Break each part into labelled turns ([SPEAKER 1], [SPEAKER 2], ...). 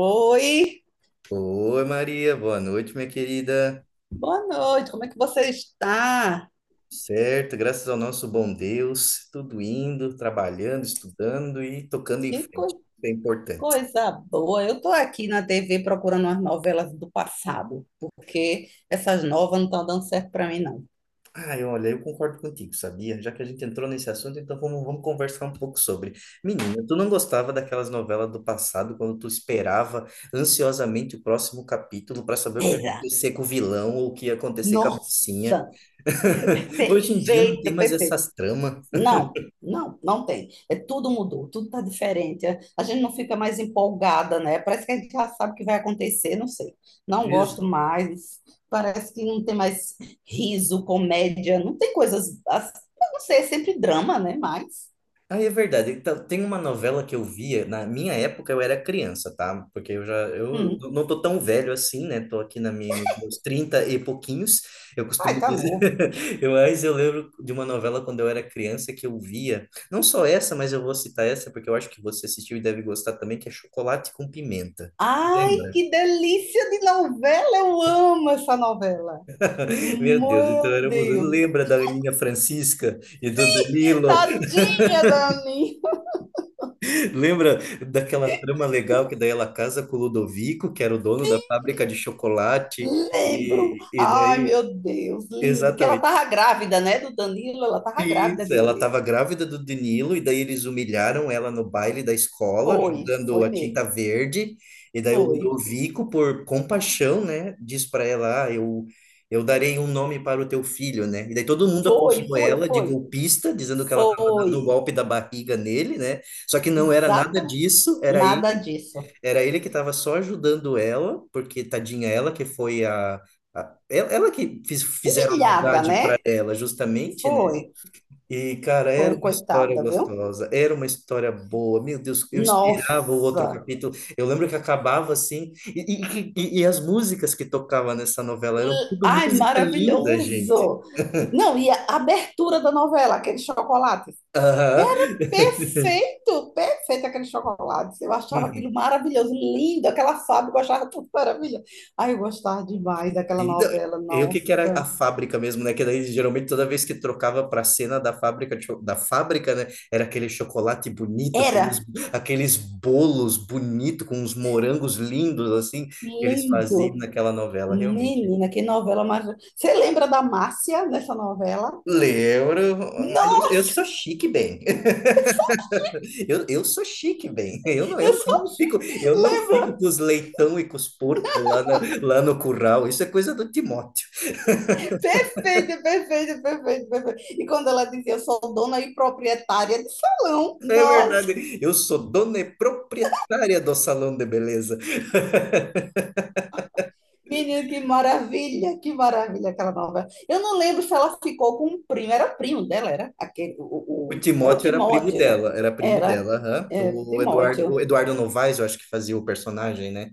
[SPEAKER 1] Oi,
[SPEAKER 2] Oi, Maria, boa noite, minha querida.
[SPEAKER 1] boa noite, como é que você está?
[SPEAKER 2] Certo, graças ao nosso bom Deus, tudo indo, trabalhando, estudando e tocando em
[SPEAKER 1] Que
[SPEAKER 2] frente.
[SPEAKER 1] co-
[SPEAKER 2] Isso é importante.
[SPEAKER 1] Coisa boa! Eu estou aqui na TV procurando umas novelas do passado, porque essas novas não estão dando certo para mim, não.
[SPEAKER 2] Ai, olha, eu concordo contigo, sabia? Já que a gente entrou nesse assunto, então vamos conversar um pouco sobre. Menina, tu não gostava daquelas novelas do passado, quando tu esperava ansiosamente o próximo capítulo para saber o que ia
[SPEAKER 1] Eita,
[SPEAKER 2] acontecer com o vilão ou o que ia acontecer com a mocinha?
[SPEAKER 1] nossa,
[SPEAKER 2] Hoje em dia não tem
[SPEAKER 1] perfeito,
[SPEAKER 2] mais
[SPEAKER 1] perfeito.
[SPEAKER 2] essas tramas.
[SPEAKER 1] Não, não, não tem. É, tudo mudou, tudo está diferente. A gente não fica mais empolgada, né? Parece que a gente já sabe o que vai acontecer, não sei. Não gosto mais. Parece que não tem mais riso, comédia, não tem coisas. Eu não sei, é sempre drama, né? Mas.
[SPEAKER 2] Ah, é verdade. Então, tem uma novela que eu via, na minha época eu era criança, tá? Porque eu
[SPEAKER 1] Hum,
[SPEAKER 2] não tô tão velho assim, né? Tô aqui nos meus 30 e pouquinhos, eu costumo
[SPEAKER 1] ai, tá
[SPEAKER 2] dizer.
[SPEAKER 1] novo.
[SPEAKER 2] Mas eu lembro de uma novela quando eu era criança que eu via, não só essa, mas eu vou citar essa porque eu acho que você assistiu e deve gostar também, que é Chocolate com Pimenta.
[SPEAKER 1] Ai,
[SPEAKER 2] Lembra?
[SPEAKER 1] que delícia de novela! Eu amo essa novela.
[SPEAKER 2] Meu Deus, então
[SPEAKER 1] Meu
[SPEAKER 2] éramos.
[SPEAKER 1] Deus!
[SPEAKER 2] Lembra da Aninha Francisca e do Danilo?
[SPEAKER 1] Tadinha, Dani!
[SPEAKER 2] Lembra daquela trama legal que daí ela casa com o Ludovico, que era o dono da fábrica de chocolate,
[SPEAKER 1] Lembro!
[SPEAKER 2] e
[SPEAKER 1] Ai,
[SPEAKER 2] daí,
[SPEAKER 1] meu Deus, lindo. Que ela
[SPEAKER 2] exatamente.
[SPEAKER 1] tava grávida, né, do Danilo? Ela tava grávida
[SPEAKER 2] Isso, ela
[SPEAKER 1] dele.
[SPEAKER 2] estava grávida do Danilo, e daí eles humilharam ela no baile da escola,
[SPEAKER 1] Foi,
[SPEAKER 2] jogando
[SPEAKER 1] foi
[SPEAKER 2] a
[SPEAKER 1] mesmo.
[SPEAKER 2] tinta verde, e daí o
[SPEAKER 1] Foi,
[SPEAKER 2] Ludovico, por compaixão, né, diz para ela, ah, eu darei um nome para o teu filho, né, e daí todo mundo
[SPEAKER 1] foi,
[SPEAKER 2] acusou
[SPEAKER 1] foi,
[SPEAKER 2] ela de
[SPEAKER 1] foi.
[SPEAKER 2] golpista, dizendo que ela estava dando o
[SPEAKER 1] Foi.
[SPEAKER 2] golpe da barriga nele, né, só que não era nada
[SPEAKER 1] Exatamente.
[SPEAKER 2] disso,
[SPEAKER 1] Nada disso.
[SPEAKER 2] era ele que estava só ajudando ela, porque tadinha ela que foi a... Ela que fizeram a
[SPEAKER 1] Humilhada,
[SPEAKER 2] maldade para
[SPEAKER 1] né?
[SPEAKER 2] ela, justamente, né?
[SPEAKER 1] Foi,
[SPEAKER 2] E, cara, era
[SPEAKER 1] foi,
[SPEAKER 2] uma história
[SPEAKER 1] coitada, viu?
[SPEAKER 2] gostosa, era uma história boa. Meu Deus, eu esperava o outro
[SPEAKER 1] Nossa.
[SPEAKER 2] capítulo. Eu lembro que acabava assim, e as músicas que tocava nessa novela eram tudo
[SPEAKER 1] Ai,
[SPEAKER 2] música linda, gente.
[SPEAKER 1] maravilhoso. Não, e a abertura da novela, aquele chocolate.
[SPEAKER 2] Aham.
[SPEAKER 1] Perfeito, perfeito aquele chocolate. Eu achava aquilo
[SPEAKER 2] Uhum.
[SPEAKER 1] maravilhoso, lindo, aquela fábrica, eu achava tudo maravilhoso. Ai, eu gostava demais daquela
[SPEAKER 2] E não,
[SPEAKER 1] novela,
[SPEAKER 2] e o que que era a
[SPEAKER 1] nossa.
[SPEAKER 2] fábrica mesmo, né? Que daí geralmente toda vez que trocava para a cena da fábrica, da fábrica, né? Era aquele chocolate bonito, aqueles,
[SPEAKER 1] Era
[SPEAKER 2] aqueles bolos bonitos com uns morangos lindos assim que eles faziam
[SPEAKER 1] lindo.
[SPEAKER 2] naquela novela. Realmente.
[SPEAKER 1] Menina, que novela mais. Você lembra da Márcia nessa novela?
[SPEAKER 2] Lembro, mas eu
[SPEAKER 1] Nossa,
[SPEAKER 2] sou chique bem. Eu sou chique bem.
[SPEAKER 1] eu
[SPEAKER 2] Eu, eu
[SPEAKER 1] só
[SPEAKER 2] não fico, eu não fico
[SPEAKER 1] lembro.
[SPEAKER 2] com os leitão e com os porcos lá, lá no curral. Isso é coisa do Timóteo.
[SPEAKER 1] Perfeito, perfeito, perfeito, perfeito. E quando ela dizia, eu sou dona e proprietária de salão.
[SPEAKER 2] É
[SPEAKER 1] Nossa.
[SPEAKER 2] verdade. Eu sou dona e proprietária do salão de beleza.
[SPEAKER 1] Menino, que maravilha aquela novela. Eu não lembro se ela ficou com um primo, era primo dela, era aquele,
[SPEAKER 2] O
[SPEAKER 1] era o
[SPEAKER 2] Timóteo
[SPEAKER 1] Timóteo,
[SPEAKER 2] era primo
[SPEAKER 1] era
[SPEAKER 2] dela, aham.
[SPEAKER 1] é,
[SPEAKER 2] O Eduardo, o
[SPEAKER 1] Timóteo.
[SPEAKER 2] Eduardo Novaes, eu acho que fazia o personagem, né?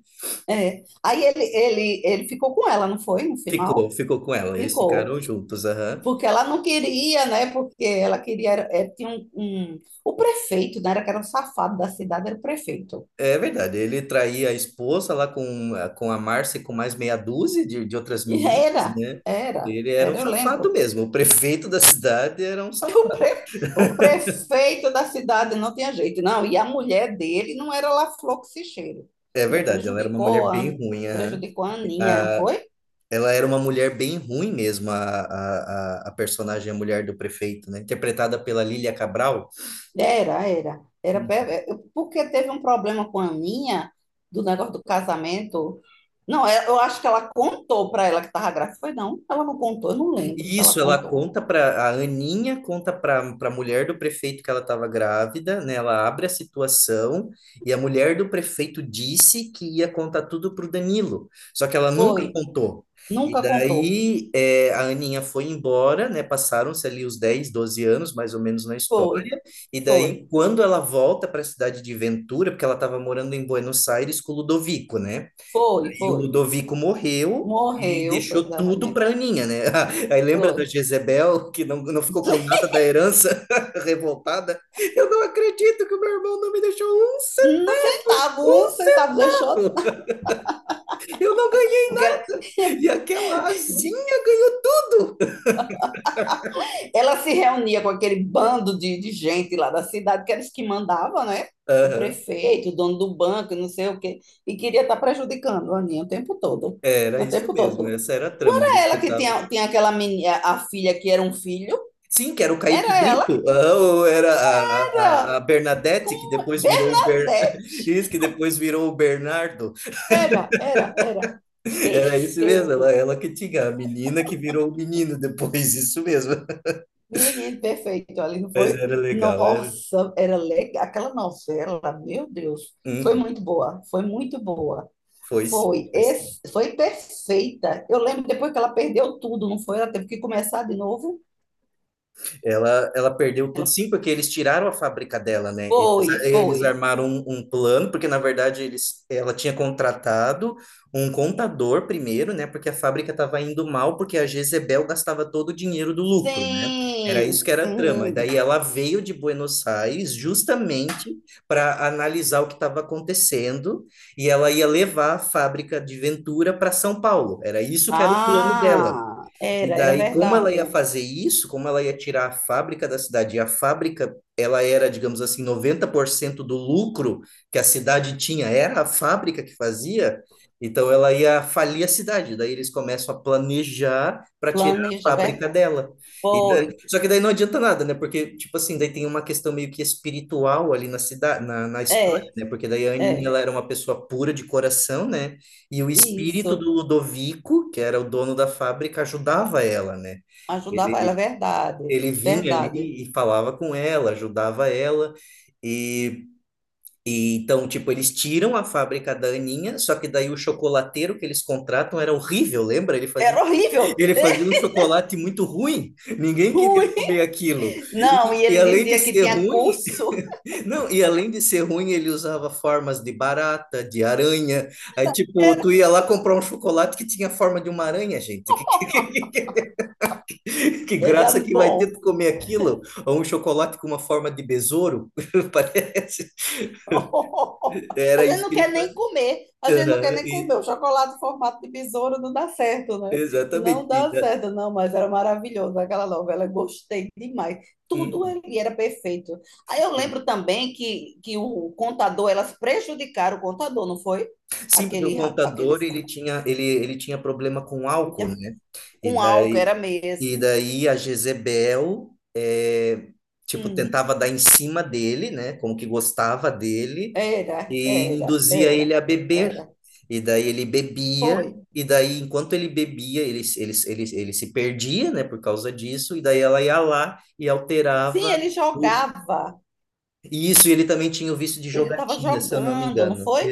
[SPEAKER 1] É. Aí ele ficou com ela, não foi? No
[SPEAKER 2] Ficou,
[SPEAKER 1] final?
[SPEAKER 2] ficou com ela. Eles
[SPEAKER 1] Ficou.
[SPEAKER 2] ficaram juntos, aham.
[SPEAKER 1] Porque ela não queria, né? Porque ela queria, é, tinha o prefeito, né? Era que era um safado da cidade, era o prefeito.
[SPEAKER 2] É verdade, ele traía a esposa lá com a Márcia e com mais meia dúzia de outras meninas,
[SPEAKER 1] Era,
[SPEAKER 2] né?
[SPEAKER 1] era,
[SPEAKER 2] Ele era um
[SPEAKER 1] era, eu
[SPEAKER 2] safado
[SPEAKER 1] lembro.
[SPEAKER 2] mesmo, o prefeito da cidade era um
[SPEAKER 1] O,
[SPEAKER 2] safado.
[SPEAKER 1] pre- o prefeito da cidade não tinha jeito, não. E a mulher dele não era lá flor que se cheira.
[SPEAKER 2] É
[SPEAKER 1] Ainda
[SPEAKER 2] verdade, ela era uma mulher
[SPEAKER 1] prejudicou a,
[SPEAKER 2] bem ruim, aham.
[SPEAKER 1] Prejudicou a Aninha, não
[SPEAKER 2] Ah,
[SPEAKER 1] foi?
[SPEAKER 2] ela era uma mulher bem ruim mesmo, a personagem, a mulher do prefeito, né? Interpretada pela Lília Cabral.
[SPEAKER 1] Era, era. É, porque teve um problema com a Aninha do negócio do casamento. Não, é- eu acho que ela contou para ela que estava grávida. Foi não, ela não contou, eu não lembro
[SPEAKER 2] E
[SPEAKER 1] se ela
[SPEAKER 2] isso, ela
[SPEAKER 1] contou.
[SPEAKER 2] conta para a mulher do prefeito que ela estava grávida, né? Ela abre a situação e a mulher do prefeito disse que ia contar tudo para o Danilo, só que ela nunca
[SPEAKER 1] Foi,
[SPEAKER 2] contou. E
[SPEAKER 1] nunca contou.
[SPEAKER 2] daí é, a Aninha foi embora, né? Passaram-se ali os 10 12 anos, mais ou menos, na história.
[SPEAKER 1] Foi,
[SPEAKER 2] E daí,
[SPEAKER 1] foi,
[SPEAKER 2] quando ela volta para a cidade de Ventura, porque ela estava morando em Buenos Aires com o Ludovico, né?
[SPEAKER 1] foi,
[SPEAKER 2] E o
[SPEAKER 1] foi.
[SPEAKER 2] Ludovico morreu e
[SPEAKER 1] Morreu, foi
[SPEAKER 2] deixou tudo
[SPEAKER 1] exatamente.
[SPEAKER 2] para Aninha, né? Aí lembra
[SPEAKER 1] Foi.
[SPEAKER 2] da Jezebel, que não ficou com nada da herança, revoltada? Eu não acredito que o meu irmão não me deixou um centavo!
[SPEAKER 1] Um centavo deixou,
[SPEAKER 2] Um centavo! Eu não ganhei!
[SPEAKER 1] porque ela,
[SPEAKER 2] E aquela asinha ganhou tudo!
[SPEAKER 1] ela se reunia com aquele bando de gente lá da cidade, que eles que mandavam, né? O
[SPEAKER 2] Aham.
[SPEAKER 1] prefeito, o dono do banco, não sei o quê, e queria estar prejudicando a Aninha o tempo todo.
[SPEAKER 2] Era
[SPEAKER 1] O
[SPEAKER 2] isso
[SPEAKER 1] tempo
[SPEAKER 2] mesmo,
[SPEAKER 1] todo.
[SPEAKER 2] essa era a
[SPEAKER 1] Não
[SPEAKER 2] trama,
[SPEAKER 1] era
[SPEAKER 2] eles
[SPEAKER 1] ela que
[SPEAKER 2] tentavam.
[SPEAKER 1] tinha, tinha aquela menina, a filha que era um filho,
[SPEAKER 2] Sim, que era o Kaique
[SPEAKER 1] era
[SPEAKER 2] Brito,
[SPEAKER 1] ela,
[SPEAKER 2] ah, ou era a, a,
[SPEAKER 1] era
[SPEAKER 2] a
[SPEAKER 1] com
[SPEAKER 2] Bernadette, que depois virou o Ber... Isso,
[SPEAKER 1] Bernadette.
[SPEAKER 2] que depois virou o Bernardo.
[SPEAKER 1] Era, era, era.
[SPEAKER 2] Era isso mesmo, ela,
[SPEAKER 1] Perfeito.
[SPEAKER 2] ela que tinha a menina que virou o menino depois, isso mesmo.
[SPEAKER 1] Menino perfeito ali, não
[SPEAKER 2] Mas
[SPEAKER 1] foi?
[SPEAKER 2] era legal, era.
[SPEAKER 1] Nossa, era legal. Aquela novela, meu Deus, foi
[SPEAKER 2] Uhum,
[SPEAKER 1] muito boa, foi muito boa.
[SPEAKER 2] foi sim,
[SPEAKER 1] Foi,
[SPEAKER 2] foi sim.
[SPEAKER 1] foi perfeita. Eu lembro depois que ela perdeu tudo, não foi? Ela teve que começar de novo.
[SPEAKER 2] Ela perdeu tudo,
[SPEAKER 1] Ela
[SPEAKER 2] sim, porque eles tiraram a fábrica dela, né? Eles,
[SPEAKER 1] foi,
[SPEAKER 2] eles
[SPEAKER 1] foi.
[SPEAKER 2] armaram um plano, porque na verdade ela tinha contratado um contador primeiro, né? Porque a fábrica estava indo mal, porque a Jezebel gastava todo o dinheiro do lucro, né? Era
[SPEAKER 1] Sim,
[SPEAKER 2] isso que era a trama. E
[SPEAKER 1] sim.
[SPEAKER 2] daí ela veio de Buenos Aires justamente para analisar o que estava acontecendo e ela ia levar a fábrica de Ventura para São Paulo. Era isso que era o plano dela.
[SPEAKER 1] Ah,
[SPEAKER 2] E
[SPEAKER 1] era, era
[SPEAKER 2] daí, como ela ia
[SPEAKER 1] verdade.
[SPEAKER 2] fazer isso, como ela ia tirar a fábrica da cidade, e a fábrica, ela era, digamos assim, 90% do lucro que a cidade tinha, era a fábrica que fazia, então ela ia falir a cidade. Daí eles começam a planejar para tirar a
[SPEAKER 1] Planeja,
[SPEAKER 2] fábrica
[SPEAKER 1] ver-
[SPEAKER 2] dela. E daí-
[SPEAKER 1] Foi.
[SPEAKER 2] só que daí não adianta nada, né? Porque, tipo assim, daí tem uma questão meio que espiritual ali na cidade, na história,
[SPEAKER 1] É,
[SPEAKER 2] né? Porque daí a Aninha,
[SPEAKER 1] é,
[SPEAKER 2] ela era uma pessoa pura de coração, né? E o espírito
[SPEAKER 1] isso.
[SPEAKER 2] do Ludovico, que era o dono da fábrica, ajudava ela, né?
[SPEAKER 1] Ajudava ela, é
[SPEAKER 2] Ele,
[SPEAKER 1] verdade,
[SPEAKER 2] ele vinha
[SPEAKER 1] verdade.
[SPEAKER 2] ali e falava com ela, ajudava ela. E, e então, tipo, eles tiram a fábrica da Aninha, só que daí o chocolateiro que eles contratam era horrível, lembra? Ele fazia,
[SPEAKER 1] Era horrível.
[SPEAKER 2] ele fazia um chocolate muito ruim, ninguém
[SPEAKER 1] Ui!
[SPEAKER 2] queria comer aquilo.
[SPEAKER 1] Não,
[SPEAKER 2] E,
[SPEAKER 1] e
[SPEAKER 2] e
[SPEAKER 1] ele
[SPEAKER 2] além de
[SPEAKER 1] dizia que
[SPEAKER 2] ser
[SPEAKER 1] tinha
[SPEAKER 2] ruim,
[SPEAKER 1] curso.
[SPEAKER 2] não, e além de ser ruim, ele usava formas de barata, de aranha. Aí, tipo,
[SPEAKER 1] Era,
[SPEAKER 2] tu ia lá comprar um chocolate que tinha a forma de uma aranha, gente. Que
[SPEAKER 1] era
[SPEAKER 2] graça que vai
[SPEAKER 1] bom.
[SPEAKER 2] ter tu comer aquilo? Ou um chocolate com uma forma de besouro, parece.
[SPEAKER 1] A
[SPEAKER 2] Era
[SPEAKER 1] gente
[SPEAKER 2] isso
[SPEAKER 1] não
[SPEAKER 2] que ele
[SPEAKER 1] quer nem
[SPEAKER 2] fazia.
[SPEAKER 1] comer, a gente não quer
[SPEAKER 2] Aham,
[SPEAKER 1] nem comer. O chocolate em formato de besouro não dá certo, né?
[SPEAKER 2] exatamente.
[SPEAKER 1] Não
[SPEAKER 2] E
[SPEAKER 1] dá
[SPEAKER 2] da-
[SPEAKER 1] certo, não, mas era maravilhoso aquela novela, gostei demais. Tudo
[SPEAKER 2] hum.
[SPEAKER 1] ali era perfeito. Aí eu lembro também que o contador, elas prejudicaram o contador, não foi?
[SPEAKER 2] Sim, porque o
[SPEAKER 1] Aquele
[SPEAKER 2] contador ele tinha problema com álcool, né? E
[SPEAKER 1] com álcool,
[SPEAKER 2] daí
[SPEAKER 1] era
[SPEAKER 2] e
[SPEAKER 1] mesmo.
[SPEAKER 2] daí a Jezebel é, tipo
[SPEAKER 1] Hum,
[SPEAKER 2] tentava dar em cima dele, né? Como que gostava dele
[SPEAKER 1] era,
[SPEAKER 2] e
[SPEAKER 1] era,
[SPEAKER 2] induzia ele
[SPEAKER 1] era,
[SPEAKER 2] a beber.
[SPEAKER 1] era.
[SPEAKER 2] E daí ele bebia
[SPEAKER 1] Foi.
[SPEAKER 2] e daí enquanto ele bebia ele se perdia, né? Por causa disso e daí ela ia lá e
[SPEAKER 1] Sim,
[SPEAKER 2] alterava
[SPEAKER 1] ele
[SPEAKER 2] o
[SPEAKER 1] jogava.
[SPEAKER 2] e isso e ele também tinha o vício de
[SPEAKER 1] Ele estava
[SPEAKER 2] jogatina, se eu não me
[SPEAKER 1] jogando, não
[SPEAKER 2] engano.
[SPEAKER 1] foi?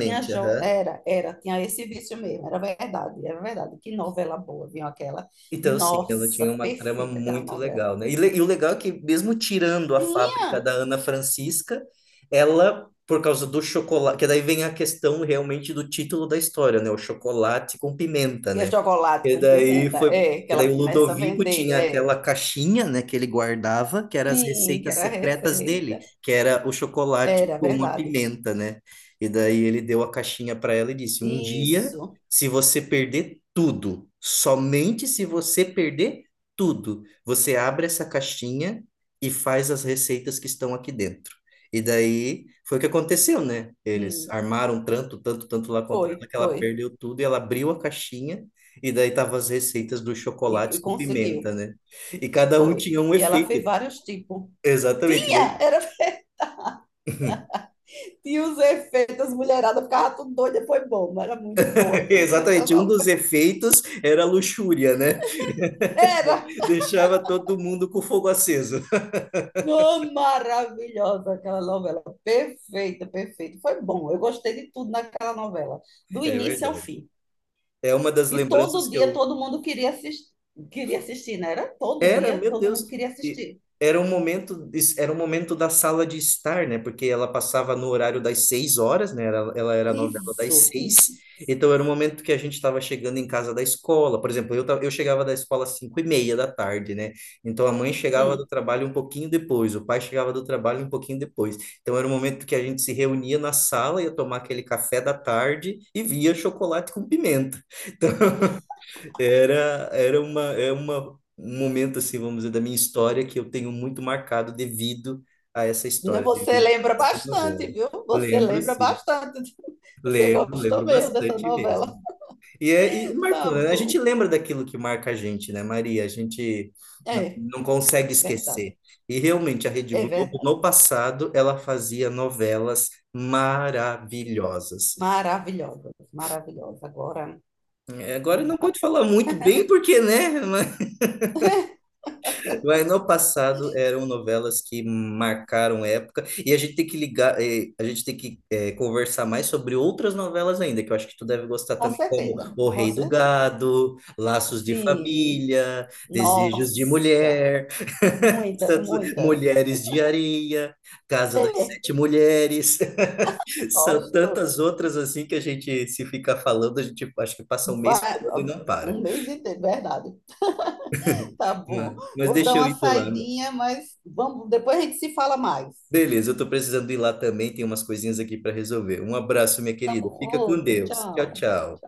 [SPEAKER 1] Tinha jo...
[SPEAKER 2] aham.
[SPEAKER 1] Era, era, tinha esse vício mesmo, era verdade, era verdade. Que novela boa, viu aquela?
[SPEAKER 2] Então, sim, ela
[SPEAKER 1] Nossa,
[SPEAKER 2] tinha uma trama
[SPEAKER 1] perfeita aquela
[SPEAKER 2] muito
[SPEAKER 1] novela.
[SPEAKER 2] legal, né? E o legal é que, mesmo tirando a
[SPEAKER 1] Tinha
[SPEAKER 2] fábrica da Ana Francisca, ela, por causa do chocolate, que daí vem a questão realmente do título da história, né? O chocolate com pimenta,
[SPEAKER 1] que é
[SPEAKER 2] né?
[SPEAKER 1] chocolate
[SPEAKER 2] E
[SPEAKER 1] com
[SPEAKER 2] daí
[SPEAKER 1] pimenta,
[SPEAKER 2] foi.
[SPEAKER 1] é, que
[SPEAKER 2] E
[SPEAKER 1] ela
[SPEAKER 2] daí o
[SPEAKER 1] começa a
[SPEAKER 2] Ludovico
[SPEAKER 1] vender,
[SPEAKER 2] tinha
[SPEAKER 1] é.
[SPEAKER 2] aquela caixinha, né, que ele guardava, que era as
[SPEAKER 1] Sim, que
[SPEAKER 2] receitas
[SPEAKER 1] era a
[SPEAKER 2] secretas
[SPEAKER 1] receita.
[SPEAKER 2] dele, que era o chocolate
[SPEAKER 1] Era
[SPEAKER 2] com a
[SPEAKER 1] verdade.
[SPEAKER 2] pimenta, né? E daí ele deu a caixinha para ela e disse: Um dia
[SPEAKER 1] Isso.
[SPEAKER 2] se você perder tudo, somente se você perder tudo, você abre essa caixinha e faz as receitas que estão aqui dentro. E daí foi o que aconteceu, né? Eles
[SPEAKER 1] Hum,
[SPEAKER 2] armaram tanto, tanto, tanto lá contra ela
[SPEAKER 1] foi,
[SPEAKER 2] que ela
[SPEAKER 1] foi.
[SPEAKER 2] perdeu tudo e ela abriu a caixinha e daí tava as receitas dos chocolates
[SPEAKER 1] E
[SPEAKER 2] com pimenta,
[SPEAKER 1] conseguiu.
[SPEAKER 2] né? E cada um
[SPEAKER 1] Foi.
[SPEAKER 2] tinha um
[SPEAKER 1] E ela
[SPEAKER 2] efeito.
[SPEAKER 1] fez vários tipos.
[SPEAKER 2] Exatamente, daí,
[SPEAKER 1] Tinha! Era e os efeitos, as mulheradas ficavam tudo doida, foi bom, mas era muito boa aquela
[SPEAKER 2] exatamente. Um dos
[SPEAKER 1] novela.
[SPEAKER 2] efeitos era a luxúria, né?
[SPEAKER 1] Era
[SPEAKER 2] Deixava todo mundo com o fogo aceso.
[SPEAKER 1] uma maravilhosa aquela novela, perfeita, perfeita. Foi bom, eu gostei de tudo naquela novela, do
[SPEAKER 2] É
[SPEAKER 1] início ao
[SPEAKER 2] verdade.
[SPEAKER 1] fim.
[SPEAKER 2] É uma das
[SPEAKER 1] E
[SPEAKER 2] lembranças
[SPEAKER 1] todo
[SPEAKER 2] que
[SPEAKER 1] dia
[SPEAKER 2] eu
[SPEAKER 1] todo mundo queria assistir, né? Era todo
[SPEAKER 2] era,
[SPEAKER 1] dia
[SPEAKER 2] meu
[SPEAKER 1] todo
[SPEAKER 2] Deus,
[SPEAKER 1] mundo queria
[SPEAKER 2] e
[SPEAKER 1] assistir.
[SPEAKER 2] era um momento, era um momento da sala de estar, né? Porque ela passava no horário das 6 horas, né? Era, ela era a novela das
[SPEAKER 1] Isso,
[SPEAKER 2] seis,
[SPEAKER 1] isso.
[SPEAKER 2] então era o momento que a gente estava chegando em casa da escola. Por exemplo, eu chegava da escola às 5:30 da tarde, né? Então a mãe chegava do
[SPEAKER 1] Hum.
[SPEAKER 2] trabalho um pouquinho depois, o pai chegava do trabalho um pouquinho depois. Então era o momento que a gente se reunia na sala, ia tomar aquele café da tarde e via chocolate com pimenta. Então, Era, era uma, é uma, um momento, assim, vamos dizer, da minha história que eu tenho muito marcado devido a essa história,
[SPEAKER 1] Você
[SPEAKER 2] devido
[SPEAKER 1] lembra
[SPEAKER 2] a essa
[SPEAKER 1] bastante,
[SPEAKER 2] novela.
[SPEAKER 1] viu? Você
[SPEAKER 2] Lembro,
[SPEAKER 1] lembra
[SPEAKER 2] sim.
[SPEAKER 1] bastante. Você
[SPEAKER 2] Lembro,
[SPEAKER 1] gostou
[SPEAKER 2] lembro
[SPEAKER 1] mesmo dessa
[SPEAKER 2] bastante mesmo.
[SPEAKER 1] novela.
[SPEAKER 2] E
[SPEAKER 1] Tá
[SPEAKER 2] marcou, né? A gente
[SPEAKER 1] bom.
[SPEAKER 2] lembra daquilo que marca a gente, né, Maria? A gente não,
[SPEAKER 1] É,
[SPEAKER 2] não consegue esquecer.
[SPEAKER 1] verdade.
[SPEAKER 2] E realmente, a Rede
[SPEAKER 1] É
[SPEAKER 2] Globo,
[SPEAKER 1] verdade.
[SPEAKER 2] no passado, ela fazia novelas maravilhosas.
[SPEAKER 1] Maravilhosa, maravilhosa. Agora,
[SPEAKER 2] É, agora
[SPEAKER 1] não
[SPEAKER 2] não
[SPEAKER 1] dá.
[SPEAKER 2] pode falar muito bem, porque, né? Mas no passado eram novelas que marcaram época e a gente tem que ligar, a gente tem que conversar mais sobre outras novelas ainda, que eu acho que tu deve gostar
[SPEAKER 1] Com
[SPEAKER 2] também, como
[SPEAKER 1] certeza,
[SPEAKER 2] O
[SPEAKER 1] com
[SPEAKER 2] Rei do
[SPEAKER 1] certeza.
[SPEAKER 2] Gado, Laços de
[SPEAKER 1] Sim,
[SPEAKER 2] Família, Desejos de
[SPEAKER 1] nossa,
[SPEAKER 2] Mulher,
[SPEAKER 1] muitas, muitas.
[SPEAKER 2] Mulheres de Areia, Casa das
[SPEAKER 1] É,
[SPEAKER 2] Sete Mulheres. São
[SPEAKER 1] gosto.
[SPEAKER 2] tantas outras assim que a gente se fica falando, a gente acho que passa um mês
[SPEAKER 1] Vai,
[SPEAKER 2] falando e não para.
[SPEAKER 1] um mês inteiro, verdade. Tá bom.
[SPEAKER 2] Mas
[SPEAKER 1] Vou dar
[SPEAKER 2] deixa eu
[SPEAKER 1] uma
[SPEAKER 2] ir lá.
[SPEAKER 1] saidinha, mas vamos, depois a gente se fala mais.
[SPEAKER 2] Beleza, eu tô precisando ir lá também, tem umas coisinhas aqui para resolver. Um abraço, minha
[SPEAKER 1] Tá
[SPEAKER 2] querida.
[SPEAKER 1] bom,
[SPEAKER 2] Fica com
[SPEAKER 1] outro,
[SPEAKER 2] Deus. Tchau,
[SPEAKER 1] tchau.
[SPEAKER 2] tchau.